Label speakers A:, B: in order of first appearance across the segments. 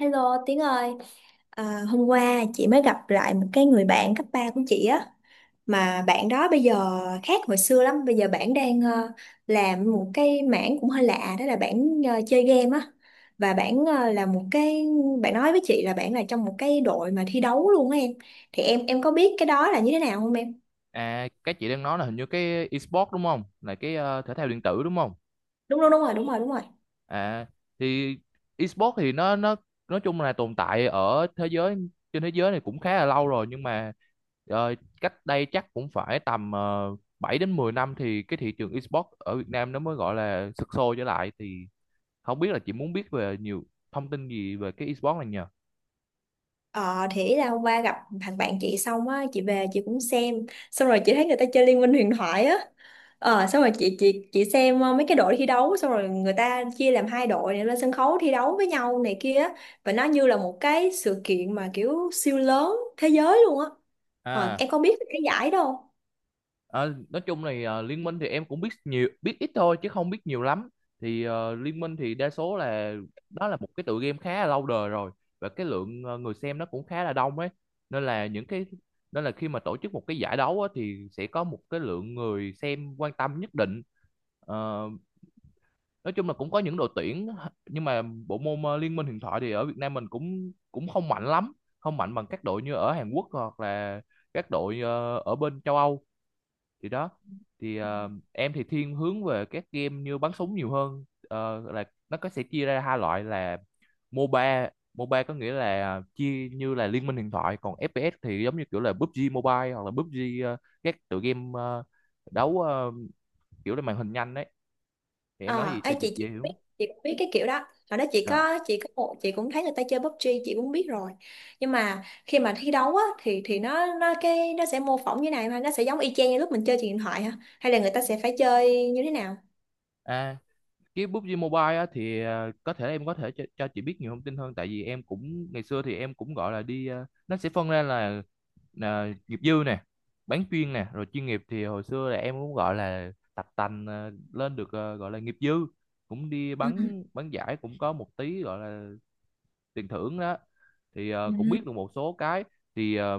A: Hello Tiến ơi, hôm qua chị mới gặp lại một cái người bạn cấp 3 của chị á, mà bạn đó bây giờ khác hồi xưa lắm. Bây giờ bạn đang làm một cái mảng cũng hơi lạ, đó là bạn chơi game á, và bạn ờ, là một cái bạn nói với chị là bạn là trong một cái đội mà thi đấu luôn á em. Thì em có biết cái đó là như thế nào không em?
B: À, cái chị đang nói là hình như cái esports đúng không? Là thể thao điện tử đúng không?
A: Đúng đúng đúng rồi, đúng rồi, đúng rồi.
B: À, thì esports thì nó nói chung là tồn tại ở thế giới trên thế giới này cũng khá là lâu rồi, nhưng mà ờ, cách đây chắc cũng phải tầm 7 đến 10 năm thì cái thị trường esports ở Việt Nam nó mới gọi là sục sôi trở lại. Thì không biết là chị muốn biết về nhiều thông tin gì về cái esports này nhờ?
A: Ờ thì là hôm qua gặp thằng bạn chị xong á, chị về chị cũng xem, xong rồi chị thấy người ta chơi Liên minh huyền thoại á, ờ xong rồi chị xem mấy cái đội thi đấu, xong rồi người ta chia làm hai đội để lên sân khấu thi đấu với nhau này kia á, và nó như là một cái sự kiện mà kiểu siêu lớn thế giới luôn á. Ờ
B: À.
A: em có biết cái giải đâu.
B: Ờ, nói chung này, ờ, Liên Minh thì em cũng biết nhiều biết ít thôi chứ không biết nhiều lắm. Thì ờ, Liên Minh thì đa số là đó là một cái tựa game khá là lâu đời rồi, và cái lượng ờ, người xem nó cũng khá là đông ấy, nên là những cái nên là khi mà tổ chức một cái giải đấu á, thì sẽ có một cái lượng người xem quan tâm nhất định. Ờ, nói chung là cũng có những đội tuyển, nhưng mà bộ môn ờ, Liên Minh huyền thoại thì ở Việt Nam mình cũng cũng không mạnh lắm, không mạnh bằng các đội như ở Hàn Quốc hoặc là các đội ờ, ở bên châu Âu. Thì đó, thì ờ, em thì thiên hướng về các game như bắn súng nhiều hơn. Ờ, là nó có sẽ chia ra hai loại là MOBA. MOBA có nghĩa là chia như là Liên minh huyền thoại, còn FPS thì giống như kiểu là PUBG Mobile hoặc là PUBG, ờ, các tựa game ờ, đấu ờ, kiểu là màn hình nhanh đấy. Thì em nói gì cho chị
A: Chị
B: dễ
A: biết,
B: hiểu.
A: chị cũng biết cái kiểu đó, hồi đó
B: Ờ.
A: chị có một chị cũng thấy người ta chơi PUBG, chị cũng biết rồi. Nhưng mà khi mà thi đấu á thì nó sẽ mô phỏng như này, mà nó sẽ giống y chang như lúc mình chơi trên điện thoại hả, hay là người ta sẽ phải chơi như thế nào?
B: À. Cái PUBG Mobile á, thì à, có thể em có thể cho chị biết nhiều thông tin hơn, tại vì em cũng ngày xưa thì em cũng gọi là đi, à, nó sẽ phân ra là nghiệp dư nè, bán chuyên nè, rồi chuyên nghiệp. Thì hồi xưa là em cũng gọi là tập tành, à, lên được, à, gọi là nghiệp dư, cũng đi
A: Ừ.
B: bắn bắn giải cũng có một tí gọi là tiền thưởng đó, thì à,
A: Ừ.
B: cũng biết được một số cái. Thì à,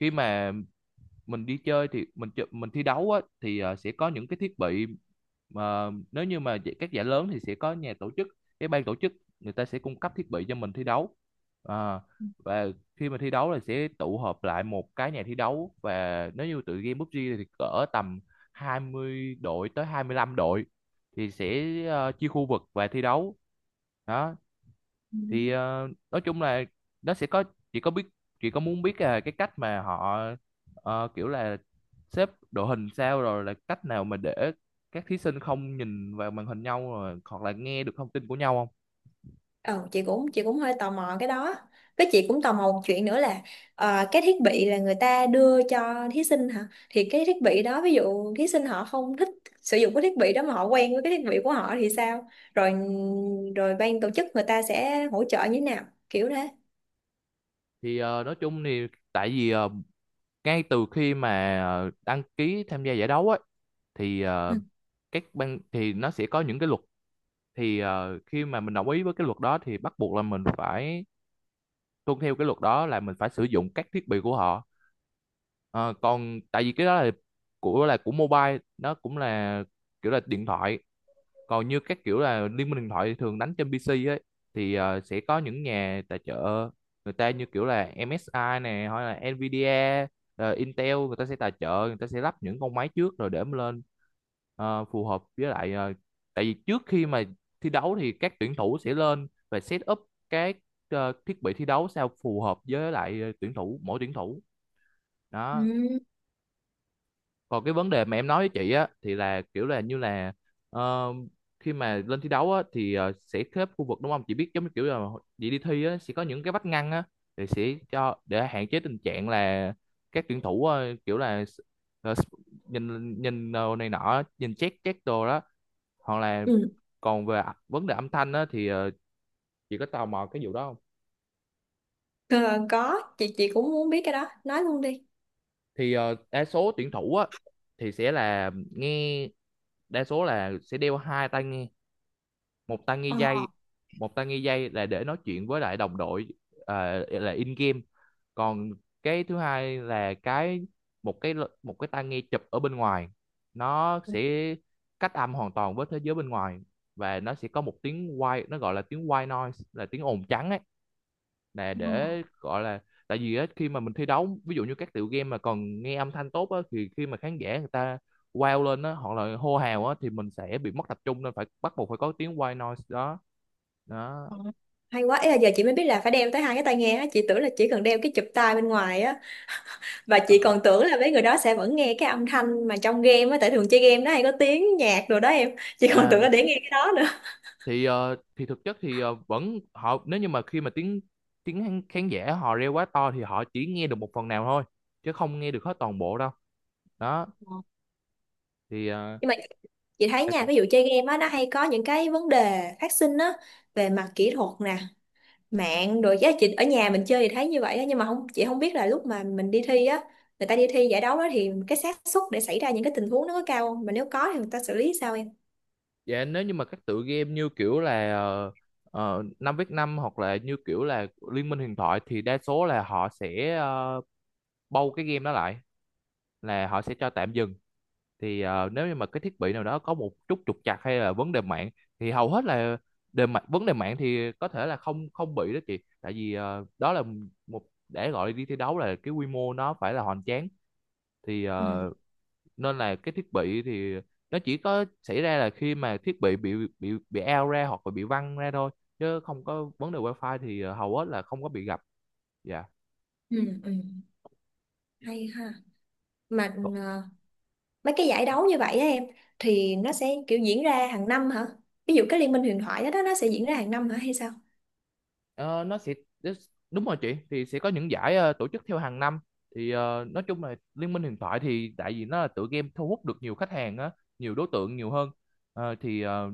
B: khi mà mình đi chơi thì mình thi đấu á, thì ờ, sẽ có những cái thiết bị mà nếu như mà các giải lớn thì sẽ có nhà tổ chức cái ban tổ chức, người ta sẽ cung cấp thiết bị cho mình thi đấu. À, và khi mà thi đấu là sẽ tụ họp lại một cái nhà thi đấu, và nếu như tụi game PUBG thì cỡ tầm 20 đội tới 25 đội, thì sẽ ờ, chia khu vực và thi đấu. Đó,
A: Ừ.
B: thì ờ, nói chung là nó sẽ có chị có biết chị có muốn biết là cái cách mà họ ờ, kiểu là xếp đội hình sao, rồi là cách nào mà để các thí sinh không nhìn vào màn hình nhau, rồi hoặc là nghe được thông tin của nhau không.
A: Ờ, chị cũng hơi tò mò cái đó, với chị cũng tò mò một chuyện nữa là cái thiết bị là người ta đưa cho thí sinh hả, thì cái thiết bị đó, ví dụ thí sinh họ không thích sử dụng cái thiết bị đó mà họ quen với cái thiết bị của họ thì sao? Rồi rồi ban tổ chức người ta sẽ hỗ trợ như thế nào, kiểu thế.
B: Thì ờ, nói chung thì tại vì ờ, ngay từ khi mà ờ, đăng ký tham gia giải đấu ấy, thì ờ,
A: Ừ.
B: các ban thì nó sẽ có những cái luật. Thì ờ, khi mà mình đồng ý với cái luật đó thì bắt buộc là mình phải tuân theo cái luật đó, là mình phải sử dụng các thiết bị của họ. Ờ, còn tại vì cái đó là của mobile nó cũng là kiểu là điện thoại, còn như các kiểu là Liên minh điện thoại thì thường đánh trên PC ấy. Thì ờ, sẽ có những nhà tài trợ, người ta như kiểu là MSI này, hoặc là Nvidia, ờ, Intel, người ta sẽ tài trợ, người ta sẽ lắp những con máy trước rồi để mà lên ờ, phù hợp với lại ờ, tại vì trước khi mà thi đấu thì các tuyển thủ sẽ lên và set up cái ờ, thiết bị thi đấu sao phù hợp với lại ờ, tuyển thủ, mỗi tuyển thủ.
A: Ừ.
B: Đó, còn cái vấn đề mà em nói với chị á thì là kiểu là như là ờ, khi mà lên thi đấu á thì ờ, sẽ xếp khu vực đúng không, chị biết giống như kiểu là chị đi thi á, sẽ có những cái vách ngăn á, thì sẽ cho để hạn chế tình trạng là các tuyển thủ ờ, kiểu là ờ, nhìn nhìn đồ này nọ, nhìn check check đồ đó, hoặc là
A: Ừ.
B: còn về vấn đề âm thanh á thì ờ, chị có tò mò cái vụ đó không.
A: Ờ, có, chị cũng muốn biết cái đó, nói luôn đi.
B: Thì ờ, đa số tuyển thủ á thì sẽ là nghe, đa số là sẽ đeo hai tai nghe, một tai nghi
A: Ờ.
B: dây. Một tai nghi dây là để nói chuyện với lại đồng đội, à, là in game. Còn cái thứ hai là cái một cái một cái tai nghe chụp ở bên ngoài, nó sẽ cách âm hoàn toàn với thế giới bên ngoài, và nó sẽ có một tiếng white nó gọi là tiếng white noise, là tiếng ồn trắng ấy, là để gọi là tại vì á, khi mà mình thi đấu ví dụ như các tựa game mà còn nghe âm thanh tốt á, thì khi mà khán giả người ta wow lên á, hoặc là hô hào á, thì mình sẽ bị mất tập trung, nên phải bắt buộc phải có tiếng white noise đó. Đó.
A: Ờ. Hay quá, ý là giờ chị mới biết là phải đeo tới hai cái tai nghe á, chị tưởng là chỉ cần đeo cái chụp tai bên ngoài á, và
B: Ờ.
A: chị còn tưởng là mấy người đó sẽ vẫn nghe cái âm thanh mà trong game á, tại thường chơi game nó hay có tiếng nhạc rồi đó em. Chị còn
B: À,
A: tưởng là để nghe cái đó nữa.
B: thì ờ, thì thực chất thì ờ, vẫn họ nếu như mà khi mà tiếng tiếng khán khán giả họ reo quá to thì họ chỉ nghe được một phần nào thôi, chứ không nghe được hết toàn bộ đâu. Đó,
A: Ờ.
B: thì ờ,
A: Nhưng mà chị thấy
B: dạ chị-
A: nha, ví dụ chơi game á nó hay có những cái vấn đề phát sinh á, về mặt kỹ thuật nè, mạng rồi giá chị ở nhà mình chơi thì thấy như vậy á. Nhưng mà không, chị không biết là lúc mà mình đi thi á, người ta đi thi giải đấu đó, thì cái xác suất để xảy ra những cái tình huống nó có cao không, mà nếu có thì người ta xử lý sao em?
B: dạ, nếu như mà các tựa game như kiểu là 5v5 hoặc là như kiểu là Liên minh huyền thoại, thì đa số là họ sẽ ờ, bâu cái game đó lại, là họ sẽ cho tạm dừng. Thì ờ, nếu như mà cái thiết bị nào đó có một chút trục trặc hay là vấn đề mạng, thì hầu hết là đề mạng vấn đề mạng thì có thể là không không bị đó chị, tại vì ờ, đó là một để gọi đi thi đấu là cái quy mô nó phải là hoành tráng. Thì
A: Ừ.
B: ờ, nên là cái thiết bị thì nó chỉ có xảy ra là khi mà thiết bị bị bị out ra hoặc là bị văng ra thôi, chứ không có vấn đề wifi thì ờ, hầu hết là không có bị gặp. Dạ.
A: Ừ, ừ. Hay ha. Mà mấy cái giải đấu như vậy á em, thì nó sẽ kiểu diễn ra hàng năm hả? Ví dụ cái liên minh huyền thoại đó, đó nó sẽ diễn ra hàng năm hả hay sao?
B: Ờ, nó sẽ đúng rồi chị, thì sẽ có những giải ờ, tổ chức theo hàng năm. Thì ờ, nói chung là Liên minh huyền thoại thì tại vì nó là tựa game thu hút được nhiều khách hàng á, nhiều đối tượng nhiều hơn. Ờ, thì ờ,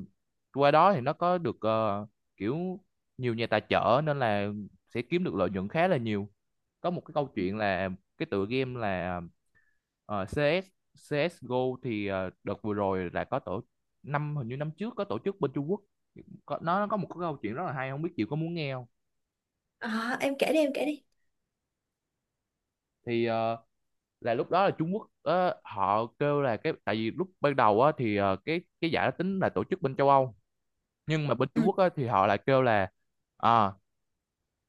B: qua đó thì nó có được ờ, kiểu nhiều nhà tài trợ, nên là sẽ kiếm được lợi nhuận khá là nhiều. Có một cái câu chuyện là cái tựa game là ờ, CS, CSGO, thì ờ, đợt vừa rồi là có tổ năm hình như năm trước có tổ chức bên Trung Quốc, có, nó có một cái câu chuyện rất là hay, không biết chị có muốn nghe không.
A: Em kể đi, em kể đi.
B: Thì ờ, là lúc đó là Trung Quốc ờ, họ kêu là cái tại vì lúc ban đầu á, thì ờ, cái giải đó tính là tổ chức bên châu Âu, nhưng mà bên Trung
A: Ừ,
B: Quốc á, thì họ lại kêu là à,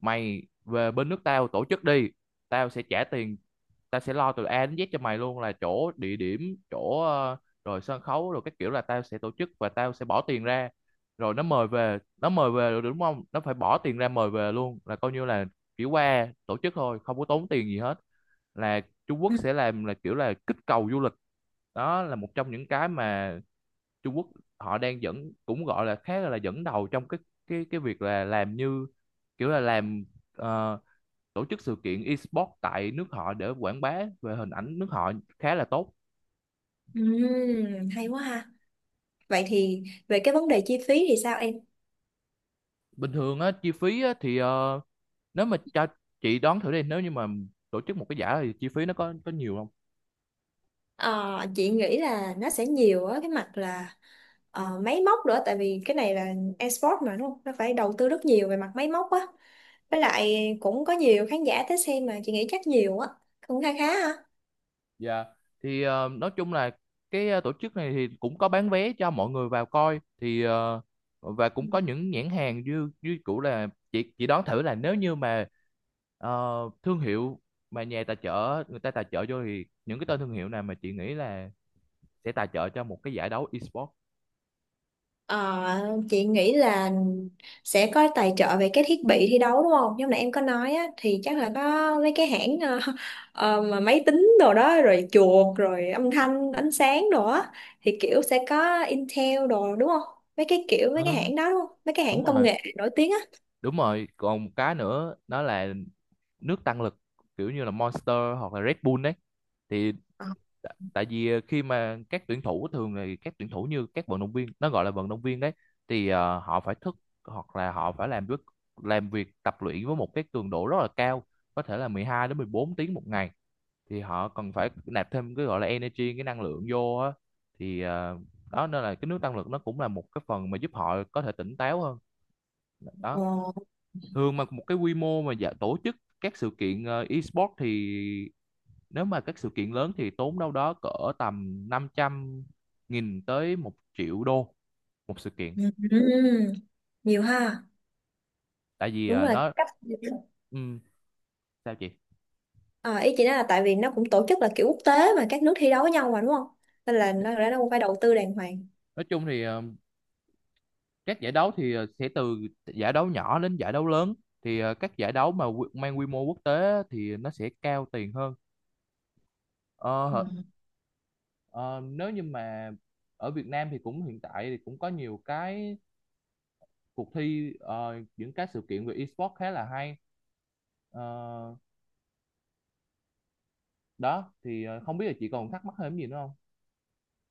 B: mày về bên nước tao tổ chức đi, tao sẽ trả tiền, tao sẽ lo từ A đến Z cho mày luôn, là chỗ địa điểm, chỗ ờ, rồi sân khấu, rồi các kiểu là tao sẽ tổ chức và tao sẽ bỏ tiền ra. Rồi nó mời về rồi, đúng không, nó phải bỏ tiền ra mời về luôn, là coi như là chỉ qua tổ chức thôi, không có tốn tiền gì hết. Là Trung Quốc
A: ừ.
B: sẽ làm là kiểu là kích cầu du lịch. Đó là một trong những cái mà Trung Quốc họ đang dẫn, cũng gọi là khá là dẫn đầu trong cái việc là làm như kiểu là làm ờ, tổ chức sự kiện esports tại nước họ để quảng bá về hình ảnh nước họ, khá là tốt.
A: Hay quá ha. Vậy thì về cái vấn đề chi phí thì sao em?
B: Bình thường á chi phí á thì ờ, nếu mà cho chị đoán thử đi, nếu như mà tổ chức một cái giải thì chi phí nó có nhiều không?
A: Ờ, chị nghĩ là nó sẽ nhiều á, cái mặt là máy móc nữa, tại vì cái này là esports mà đúng không, nó phải đầu tư rất nhiều về mặt máy móc á, với lại cũng có nhiều khán giả tới xem mà, chị nghĩ chắc nhiều á, cũng khá khá ha.
B: Dạ. Thì nói chung là cái tổ chức này thì cũng có bán vé cho mọi người vào coi thì và cũng có những nhãn hàng như như cũ là chị đoán thử là nếu như mà Ờ, thương hiệu mà nhà tài trợ người ta tài trợ vô thì những cái tên thương hiệu này mà chị nghĩ là sẽ tài trợ cho một cái giải đấu esports.
A: Ờ, chị nghĩ là sẽ có tài trợ về cái thiết bị thi đấu đúng không? Như nãy em có nói á, thì chắc là có mấy cái hãng mà máy tính đồ đó, rồi chuột rồi âm thanh ánh sáng đồ á, thì kiểu sẽ có Intel đồ đúng không? Mấy cái kiểu
B: Ừ,
A: mấy cái hãng đó đúng không? Mấy cái
B: đúng
A: hãng công
B: rồi.
A: nghệ nổi tiếng á.
B: Đúng rồi, còn một cái nữa đó là nước tăng lực, kiểu như là Monster hoặc là Red Bull đấy. Thì
A: Ờ.
B: tại vì khi mà các tuyển thủ, thường thì các tuyển thủ như các vận động viên, nó gọi là vận động viên đấy, thì họ phải thức hoặc là họ phải làm việc, làm việc tập luyện với một cái cường độ rất là cao, có thể là 12 đến 14 tiếng một ngày. Thì họ cần phải nạp thêm cái gọi là energy, cái năng lượng vô á. Thì đó, nên là cái nước tăng lực nó cũng là một cái phần mà giúp họ có thể tỉnh táo hơn đó.
A: Ồ.
B: Thường mà một cái quy mô mà dạ, tổ chức các sự kiện e-sport thì nếu mà các sự kiện lớn thì tốn đâu đó cỡ tầm 500.000 tới 1 triệu đô một sự kiện.
A: Ừm. Nhiều ha.
B: Tại vì
A: Đúng là
B: nó,
A: cách.
B: ừ, sao chị
A: Ờ, ý chị nói là tại vì nó cũng tổ chức là kiểu quốc tế, mà các nước thi đấu với nhau mà đúng không? Nên là nó cũng phải đầu tư đàng hoàng.
B: nói chung thì các giải đấu thì sẽ từ giải đấu nhỏ đến giải đấu lớn. Thì các giải đấu mà mang quy mô quốc tế thì nó sẽ cao tiền hơn. Ờ, hở- ờ, nếu như mà ở Việt Nam thì cũng hiện tại thì cũng có nhiều cái cuộc thi, những cái sự kiện về esports khá là hay. Ờ, đó thì không biết là chị còn thắc mắc thêm gì nữa không.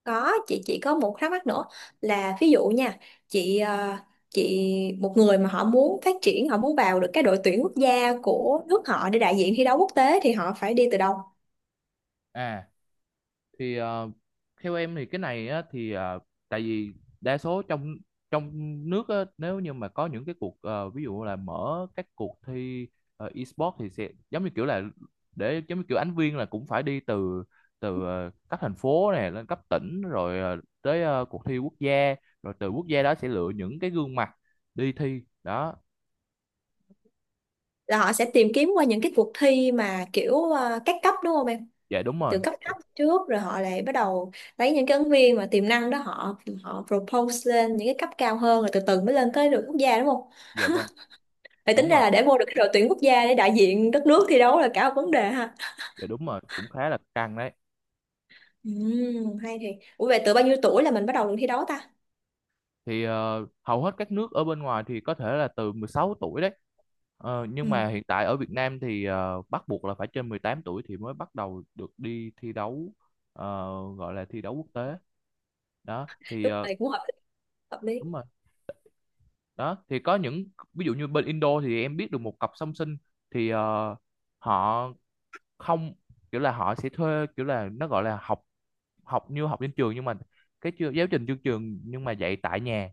A: Có, chị chỉ có một thắc mắc nữa là ví dụ nha, chị ờ, chị một người mà họ muốn phát triển, họ muốn vào được cái đội tuyển quốc gia của nước họ để đại diện thi đấu quốc tế thì họ phải đi từ đâu?
B: À thì theo em thì cái này á, thì tại vì đa số trong trong nước á, nếu như mà có những cái cuộc ví dụ là mở các cuộc thi e-sport thì sẽ giống như kiểu là, để giống như kiểu ánh viên là cũng phải đi từ từ các thành phố này lên cấp tỉnh, rồi tới cuộc thi quốc gia, rồi từ quốc gia đó sẽ lựa những cái gương mặt đi thi đó.
A: Là họ sẽ tìm kiếm qua những cái cuộc thi mà kiểu các cấp đúng không em?
B: Dạ đúng
A: Từ
B: rồi.
A: cấp thấp trước rồi họ lại bắt đầu lấy những cái ứng viên mà tiềm năng đó, họ họ propose lên những cái cấp cao hơn, rồi từ từ mới lên tới đội quốc gia đúng không?
B: Dạ vâng.
A: Vậy tính
B: Đúng
A: ra
B: rồi.
A: là để vô được cái đội tuyển quốc gia để đại diện đất nước thi đấu là cả một vấn đề ha.
B: Dạ đúng rồi, cũng khá là căng đấy.
A: Ừ, hay thì. Ủa vậy từ bao nhiêu tuổi là mình bắt đầu được thi đấu ta?
B: Thì hầu hết các nước ở bên ngoài thì có thể là từ 16 tuổi đấy. Ờ, nhưng
A: Ừ,
B: mà hiện tại ở Việt Nam thì bắt buộc là phải trên 18 tuổi thì mới bắt đầu được đi thi đấu. ờ, Gọi là thi đấu quốc tế đó. Thì
A: đúng rồi, cũng hợp lý, hợp lý.
B: đúng rồi. Đó thì có những ví dụ như bên Indo thì em biết được một cặp song sinh. Thì họ không, kiểu là họ sẽ thuê, kiểu là nó gọi là học, học như học trên trường nhưng mà giáo trình chương trường nhưng mà dạy tại nhà.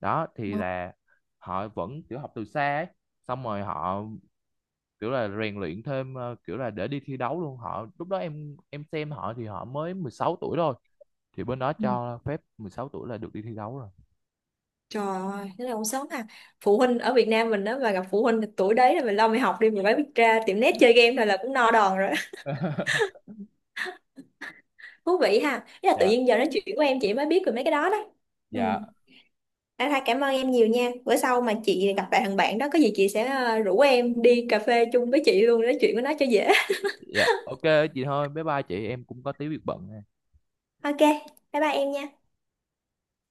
B: Đó thì
A: Ừ.
B: là họ vẫn kiểu học từ xa ấy. Xong rồi họ kiểu là rèn luyện thêm, kiểu là để đi thi đấu luôn. Họ lúc đó em xem họ, thì họ mới 16 tuổi thôi. Thì bên đó
A: Ừ.
B: cho phép 16 tuổi là được đi thi đấu rồi.
A: Trời ơi, thế là cũng sớm à. Phụ huynh ở Việt Nam mình đó mà gặp phụ huynh tuổi đấy là mình lo mày học đi, mình mới biết ra tiệm net chơi game thôi là cũng no đòn rồi. Thú vị ha. Thế là tự
B: Dạ.
A: nhiên giờ nói chuyện của em chị mới biết về mấy cái đó đó. Ừ.
B: Dạ.
A: À, thôi cảm ơn em nhiều nha. Bữa sau mà chị gặp lại thằng bạn đó có gì chị sẽ rủ em đi cà phê chung với chị luôn, nói chuyện với nó cho dễ.
B: Dạ, ok chị. Thôi bye bye chị, em cũng có tí việc bận.
A: Ok, bye bye em nha.